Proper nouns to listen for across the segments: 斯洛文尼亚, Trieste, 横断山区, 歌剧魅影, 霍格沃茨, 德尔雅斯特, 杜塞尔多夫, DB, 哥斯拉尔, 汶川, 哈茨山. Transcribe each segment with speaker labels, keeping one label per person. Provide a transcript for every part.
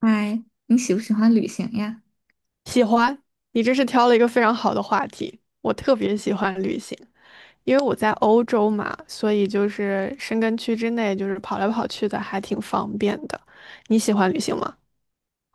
Speaker 1: 嗨，你喜不喜欢旅行呀？
Speaker 2: 喜欢，你这是挑了一个非常好的话题。我特别喜欢旅行，因为我在欧洲嘛，所以就是申根区之内，就是跑来跑去的，还挺方便的。你喜欢旅行吗？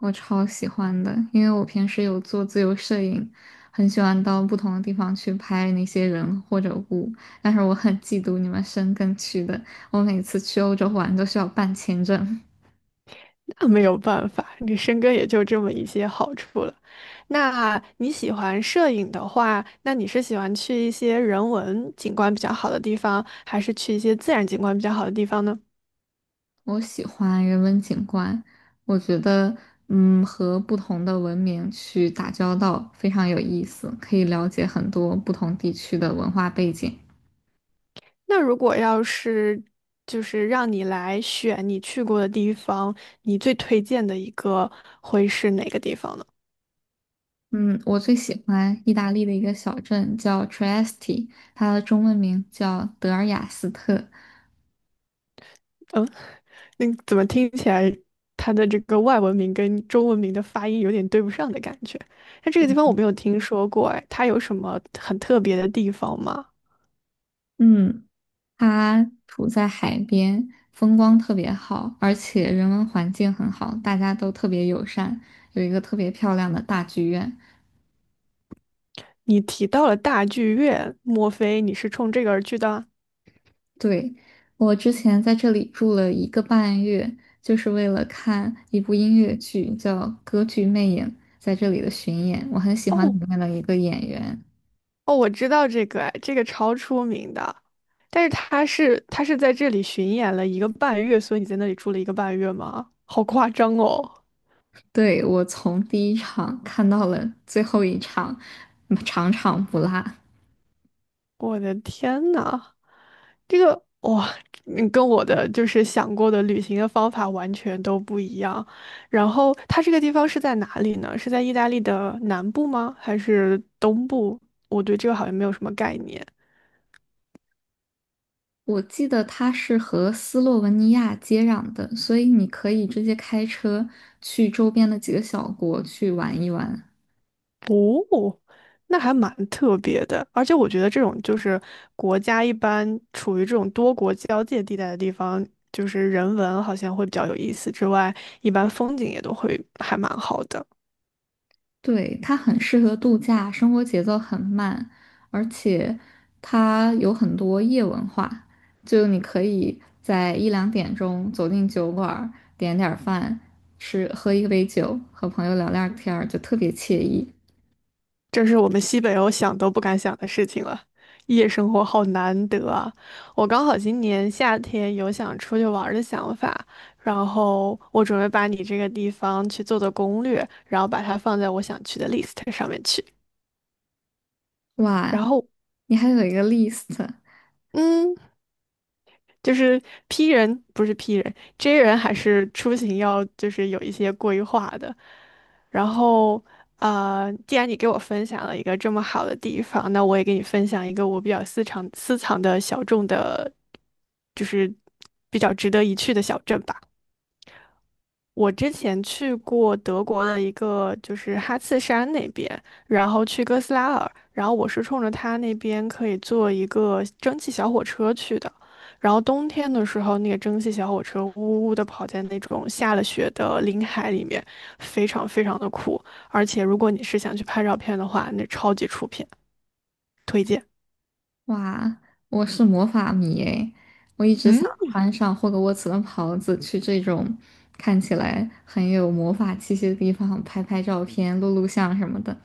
Speaker 1: 我超喜欢的，因为我平时有做自由摄影，很喜欢到不同的地方去拍那些人或者物。但是我很嫉妒你们申根区的，我每次去欧洲玩都需要办签证。
Speaker 2: 那没有办法，你申根也就这么一些好处了。那你喜欢摄影的话，那你是喜欢去一些人文景观比较好的地方，还是去一些自然景观比较好的地方呢？
Speaker 1: 我喜欢人文景观，我觉得，和不同的文明去打交道非常有意思，可以了解很多不同地区的文化背景。
Speaker 2: 那如果要是就是让你来选你去过的地方，你最推荐的一个会是哪个地方呢？
Speaker 1: 嗯，我最喜欢意大利的一个小镇叫 Trieste，它的中文名叫德尔雅斯特。
Speaker 2: 嗯，那怎么听起来它的这个外文名跟中文名的发音有点对不上的感觉？那这个地方我没有听说过，哎，它有什么很特别的地方吗？
Speaker 1: 嗯，它处在海边，风光特别好，而且人文环境很好，大家都特别友善，有一个特别漂亮的大剧院。
Speaker 2: 你提到了大剧院，莫非你是冲这个而去的？
Speaker 1: 对，我之前在这里住了1个半月，就是为了看一部音乐剧，叫《歌剧魅影》，在这里的巡演，我很喜欢
Speaker 2: 哦，
Speaker 1: 里面的一个演员。
Speaker 2: 哦，我知道这个，哎，这个超出名的，但是他是在这里巡演了一个半月，所以你在那里住了一个半月吗？好夸张哦！
Speaker 1: 对，我从第一场看到了最后一场，场场不落。
Speaker 2: 我的天呐，这个哇，你跟我的就是想过的旅行的方法完全都不一样。然后它这个地方是在哪里呢？是在意大利的南部吗？还是东部？我对这个好像没有什么概念。
Speaker 1: 我记得它是和斯洛文尼亚接壤的，所以你可以直接开车去周边的几个小国去玩一玩。
Speaker 2: 那还蛮特别的，而且我觉得这种就是国家一般处于这种多国交界地带的地方，就是人文好像会比较有意思之外，一般风景也都会还蛮好的。
Speaker 1: 对，它很适合度假，生活节奏很慢，而且它有很多夜文化，就你可以在一两点钟走进酒馆儿，点点儿饭，吃，喝一杯酒，和朋友聊聊天儿，就特别惬意。
Speaker 2: 这是我们西北欧想都不敢想的事情了，夜生活好难得啊！我刚好今年夏天有想出去玩儿的想法，然后我准备把你这个地方去做做攻略，然后把它放在我想去的 list 上面去，然
Speaker 1: 哇，
Speaker 2: 后。
Speaker 1: 你还有一个 list。
Speaker 2: 嗯，就是 P 人不是 P 人，J 人还是出行要就是有一些规划的。然后，啊，既然你给我分享了一个这么好的地方，那我也给你分享一个我比较私藏私藏的小众的，就是比较值得一去的小镇吧。我之前去过德国的一个，就是哈茨山那边，然后去哥斯拉尔，然后我是冲着他那边可以坐一个蒸汽小火车去的，然后冬天的时候，那个蒸汽小火车呜呜的跑在那种下了雪的林海里面，非常非常的酷，而且如果你是想去拍照片的话，那超级出片，推荐。
Speaker 1: 哇，我是魔法迷诶，我一直
Speaker 2: 嗯，
Speaker 1: 想穿上霍格沃茨的袍子，去这种看起来很有魔法气息的地方拍拍照片、录录像什么的。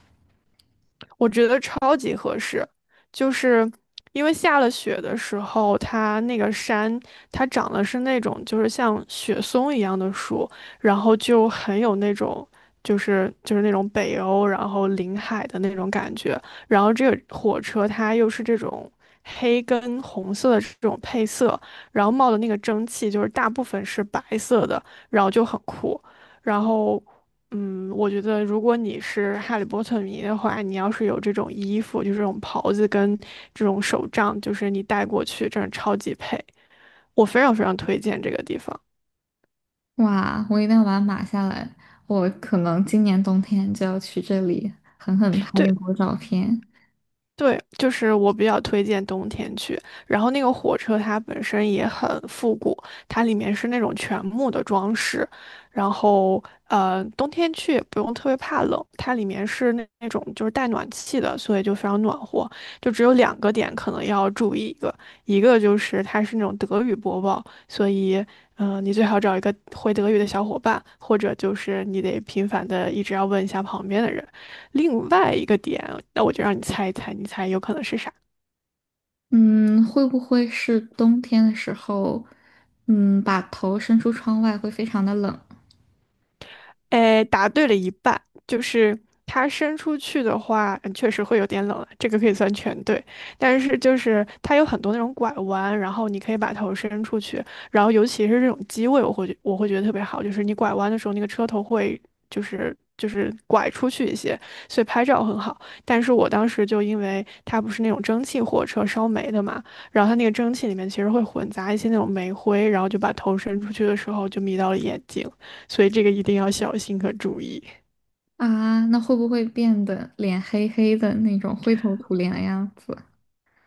Speaker 2: 我觉得超级合适，就是因为下了雪的时候，它那个山它长的是那种就是像雪松一样的树，然后就很有那种就是那种北欧然后临海的那种感觉，然后这个火车它又是这种。黑跟红色的这种配色，然后冒的那个蒸汽就是大部分是白色的，然后就很酷。然后我觉得如果你是哈利波特迷的话，你要是有这种衣服，就是这种袍子跟这种手杖，就是你带过去，真的超级配。我非常非常推荐这个地方。
Speaker 1: 哇，我一定要把它码下来，我可能今年冬天就要去这里狠狠拍一
Speaker 2: 对，
Speaker 1: 波照片。
Speaker 2: 对，就是我比较推荐冬天去。然后那个火车它本身也很复古，它里面是那种全木的装饰。然后，冬天去也不用特别怕冷，它里面是那种就是带暖气的，所以就非常暖和。就只有两个点可能要注意一个，一个就是它是那种德语播报，所以，你最好找一个会德语的小伙伴，或者就是你得频繁的一直要问一下旁边的人。另外一个点，那我就让你猜一猜，你猜有可能是啥？
Speaker 1: 嗯，会不会是冬天的时候，把头伸出窗外会非常的冷？
Speaker 2: 哎，答对了一半，就是它伸出去的话，嗯确实会有点冷了，这个可以算全对。但是就是它有很多那种拐弯，然后你可以把头伸出去，然后尤其是这种机位，我会觉得特别好，就是你拐弯的时候，那个车头会就是拐出去一些，所以拍照很好。但是我当时就因为它不是那种蒸汽火车烧煤的嘛，然后它那个蒸汽里面其实会混杂一些那种煤灰，然后就把头伸出去的时候就迷到了眼睛。所以这个一定要小心和注意
Speaker 1: 啊，那会不会变得脸黑黑的那种灰头土脸的样子？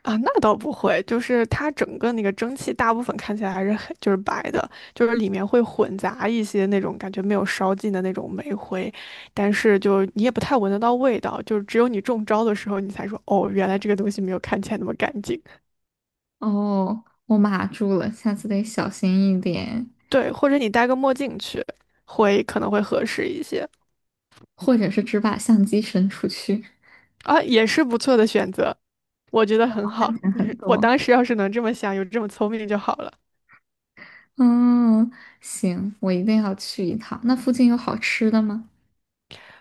Speaker 2: 啊。那倒不会，就是它整个那个蒸汽大部分看起来还是很就是白的，就是里面会混杂一些那种感觉没有烧尽的那种煤灰，但是就你也不太闻得到味道，就是只有你中招的时候你才说哦，原来这个东西没有看起来那么干净。
Speaker 1: 哦，我码住了，下次得小心一点，
Speaker 2: 对，或者你戴个墨镜去，可能会合适一些
Speaker 1: 或者是只把相机伸出去，
Speaker 2: 啊，也是不错的选择，我觉得很好。
Speaker 1: 安全很
Speaker 2: 我
Speaker 1: 多。
Speaker 2: 当时要是能这么想，有这么聪明就好了。
Speaker 1: 嗯，行，我一定要去一趟。那附近有好吃的吗？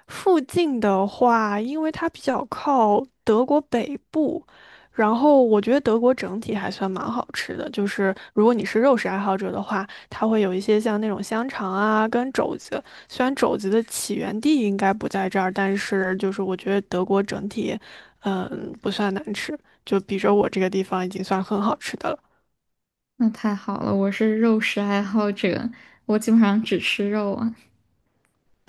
Speaker 2: 附近的话，因为它比较靠德国北部，然后我觉得德国整体还算蛮好吃的。就是如果你是肉食爱好者的话，它会有一些像那种香肠啊跟肘子。虽然肘子的起源地应该不在这儿，但是就是我觉得德国整体，不算难吃，就比着我这个地方已经算很好吃的了。
Speaker 1: 那太好了，我是肉食爱好者，我基本上只吃肉啊。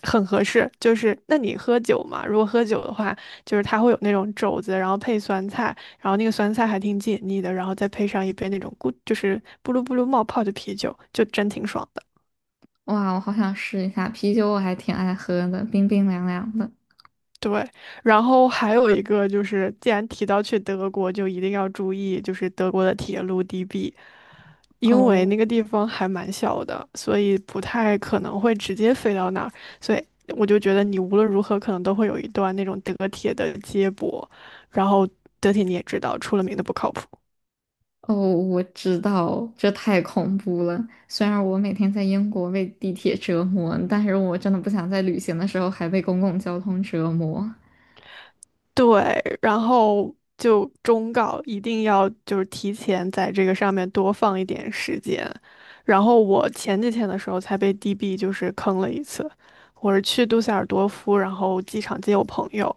Speaker 2: 很合适，就是那你喝酒嘛，如果喝酒的话，就是它会有那种肘子，然后配酸菜，然后那个酸菜还挺解腻的，然后再配上一杯那种就是咕噜咕噜冒泡的啤酒，就真挺爽的。
Speaker 1: 哇，我好想试一下啤酒，我还挺爱喝的，冰冰凉凉的。
Speaker 2: 对，然后还有一个就是，既然提到去德国，就一定要注意，就是德国的铁路 DB。因为
Speaker 1: 哦，
Speaker 2: 那个地方还蛮小的，所以不太可能会直接飞到那儿，所以我就觉得你无论如何可能都会有一段那种德铁的接驳，然后德铁你也知道，出了名的不靠谱。
Speaker 1: 哦，我知道，这太恐怖了。虽然我每天在英国被地铁折磨，但是我真的不想在旅行的时候还被公共交通折磨
Speaker 2: 对，然后就忠告一定要就是提前在这个上面多放一点时间。然后我前几天的时候才被 DB 就是坑了一次，我是去杜塞尔多夫，然后机场接我朋友。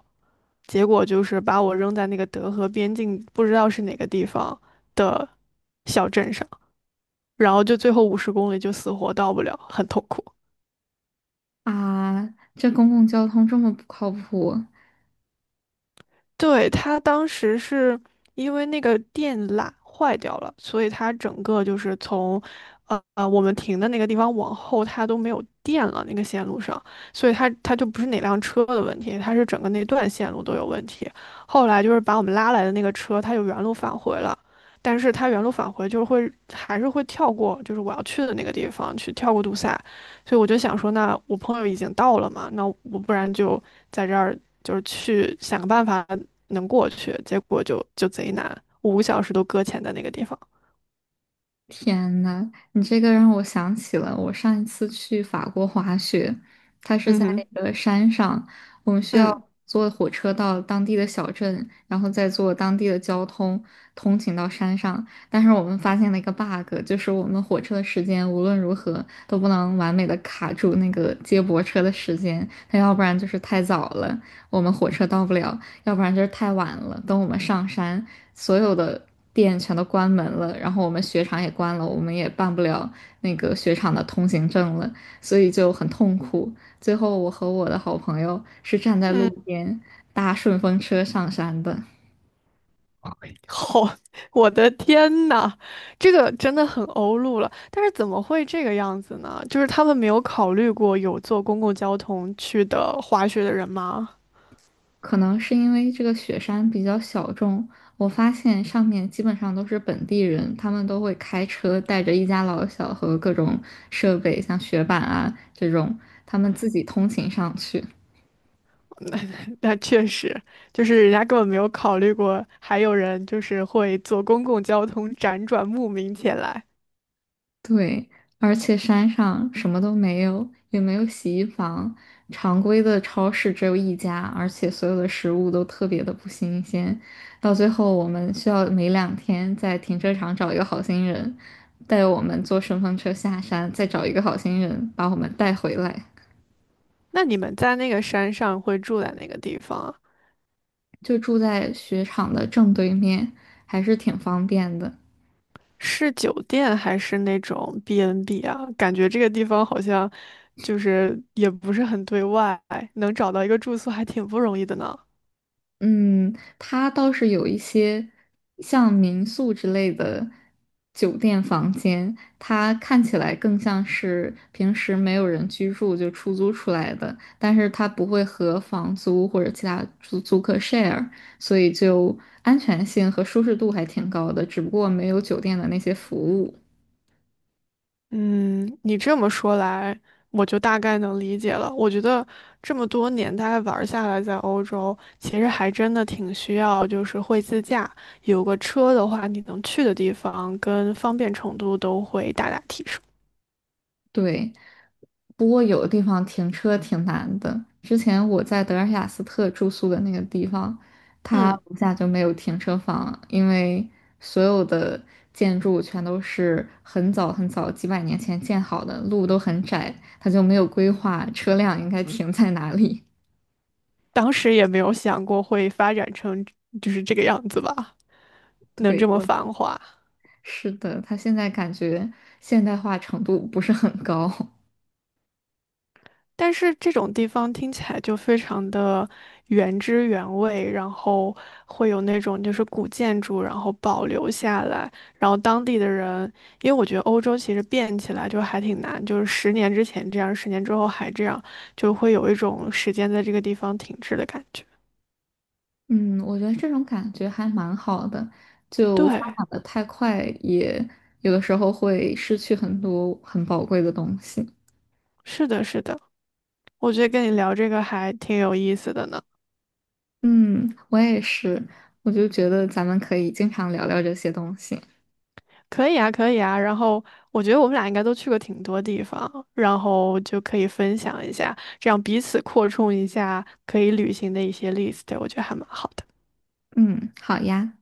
Speaker 2: 结果就是把我扔在那个德和边境，不知道是哪个地方的小镇上，然后就最后50公里就死活到不了，很痛苦。
Speaker 1: 啊！这公共交通这么不靠谱，
Speaker 2: 对，他当时是因为那个电缆坏掉了，所以他整个就是从，我们停的那个地方往后，它都没有电了，那个线路上，所以它就不是哪辆车的问题，它是整个那段线路都有问题。后来就是把我们拉来的那个车，它就原路返回了，但是它原路返回就是会还是会跳过，就是我要去的那个地方去跳过堵塞，所以我就想说，那我朋友已经到了嘛，那我不然就在这儿就是去想个办法能过去，结果就贼难，5个小时都搁浅在那个地方。
Speaker 1: 天呐，你这个让我想起了我上一次去法国滑雪，它是
Speaker 2: 嗯
Speaker 1: 在
Speaker 2: 哼。
Speaker 1: 一个山上，我们需要
Speaker 2: 嗯
Speaker 1: 坐火车到当地的小镇，然后再坐当地的交通通勤到山上。但是我们发现了一个 bug,就是我们火车的时间无论如何都不能完美的卡住那个接驳车的时间，它要不然就是太早了，我们火车到不了；要不然就是太晚了。等我们上山，所有的店全都关门了，然后我们雪场也关了，我们也办不了那个雪场的通行证了，所以就很痛苦。最后，我和我的好朋友是站在路
Speaker 2: 嗯。
Speaker 1: 边搭顺风车上山的。
Speaker 2: 好。我的天呐，这个真的很欧陆了。但是怎么会这个样子呢？就是他们没有考虑过有坐公共交通去的滑雪的人吗？
Speaker 1: 可能是因为这个雪山比较小众，我发现上面基本上都是本地人，他们都会开车带着一家老小和各种设备，像雪板啊这种，他们自己通勤上去。
Speaker 2: 那确实，就是人家根本没有考虑过，还有人就是会坐公共交通辗转慕名前来。
Speaker 1: 对，而且山上什么都没有，也没有洗衣房，常规的超市只有一家，而且所有的食物都特别的不新鲜。到最后，我们需要每两天在停车场找一个好心人，带我们坐顺风车下山，再找一个好心人把我们带回来。
Speaker 2: 那你们在那个山上会住在哪个地方啊？
Speaker 1: 就住在雪场的正对面，还是挺方便的。
Speaker 2: 是酒店还是那种 B&B n 啊？感觉这个地方好像就是也不是很对外，能找到一个住宿还挺不容易的呢。
Speaker 1: 嗯，它倒是有一些像民宿之类的酒店房间，它看起来更像是平时没有人居住就出租出来的，但是它不会和房租或者其他租客 share,所以就安全性和舒适度还挺高的，只不过没有酒店的那些服务。
Speaker 2: 嗯，你这么说来，我就大概能理解了。我觉得这么多年大概玩儿下来，在欧洲其实还真的挺需要，就是会自驾，有个车的话，你能去的地方跟方便程度都会大大提升。
Speaker 1: 对，不过有的地方停车挺难的。之前我在德尔雅斯特住宿的那个地方，它
Speaker 2: 嗯，
Speaker 1: 楼下就没有停车房，因为所有的建筑全都是很早很早几百年前建好的，路都很窄，它就没有规划车辆应该停在哪里。
Speaker 2: 当时也没有想过会发展成就是这个样子吧，能
Speaker 1: 对，
Speaker 2: 这么
Speaker 1: 我
Speaker 2: 繁华。
Speaker 1: 是的，它现在感觉现代化程度不是很高。
Speaker 2: 但是这种地方听起来就非常的原汁原味，然后会有那种就是古建筑，然后保留下来，然后当地的人，因为我觉得欧洲其实变起来就还挺难，就是10年之前这样，10年之后还这样，就会有一种时间在这个地方停滞的感觉。
Speaker 1: 嗯，我觉得这种感觉还蛮好的，就发
Speaker 2: 对，
Speaker 1: 展的太快，也有的时候会失去很多很宝贵的东西。
Speaker 2: 是的，是的，我觉得跟你聊这个还挺有意思的呢。
Speaker 1: 嗯，我也是，我就觉得咱们可以经常聊聊这些东西。
Speaker 2: 可以啊，可以啊。然后我觉得我们俩应该都去过挺多地方，然后就可以分享一下，这样彼此扩充一下可以旅行的一些 list，我觉得还蛮好的。
Speaker 1: 嗯，好呀。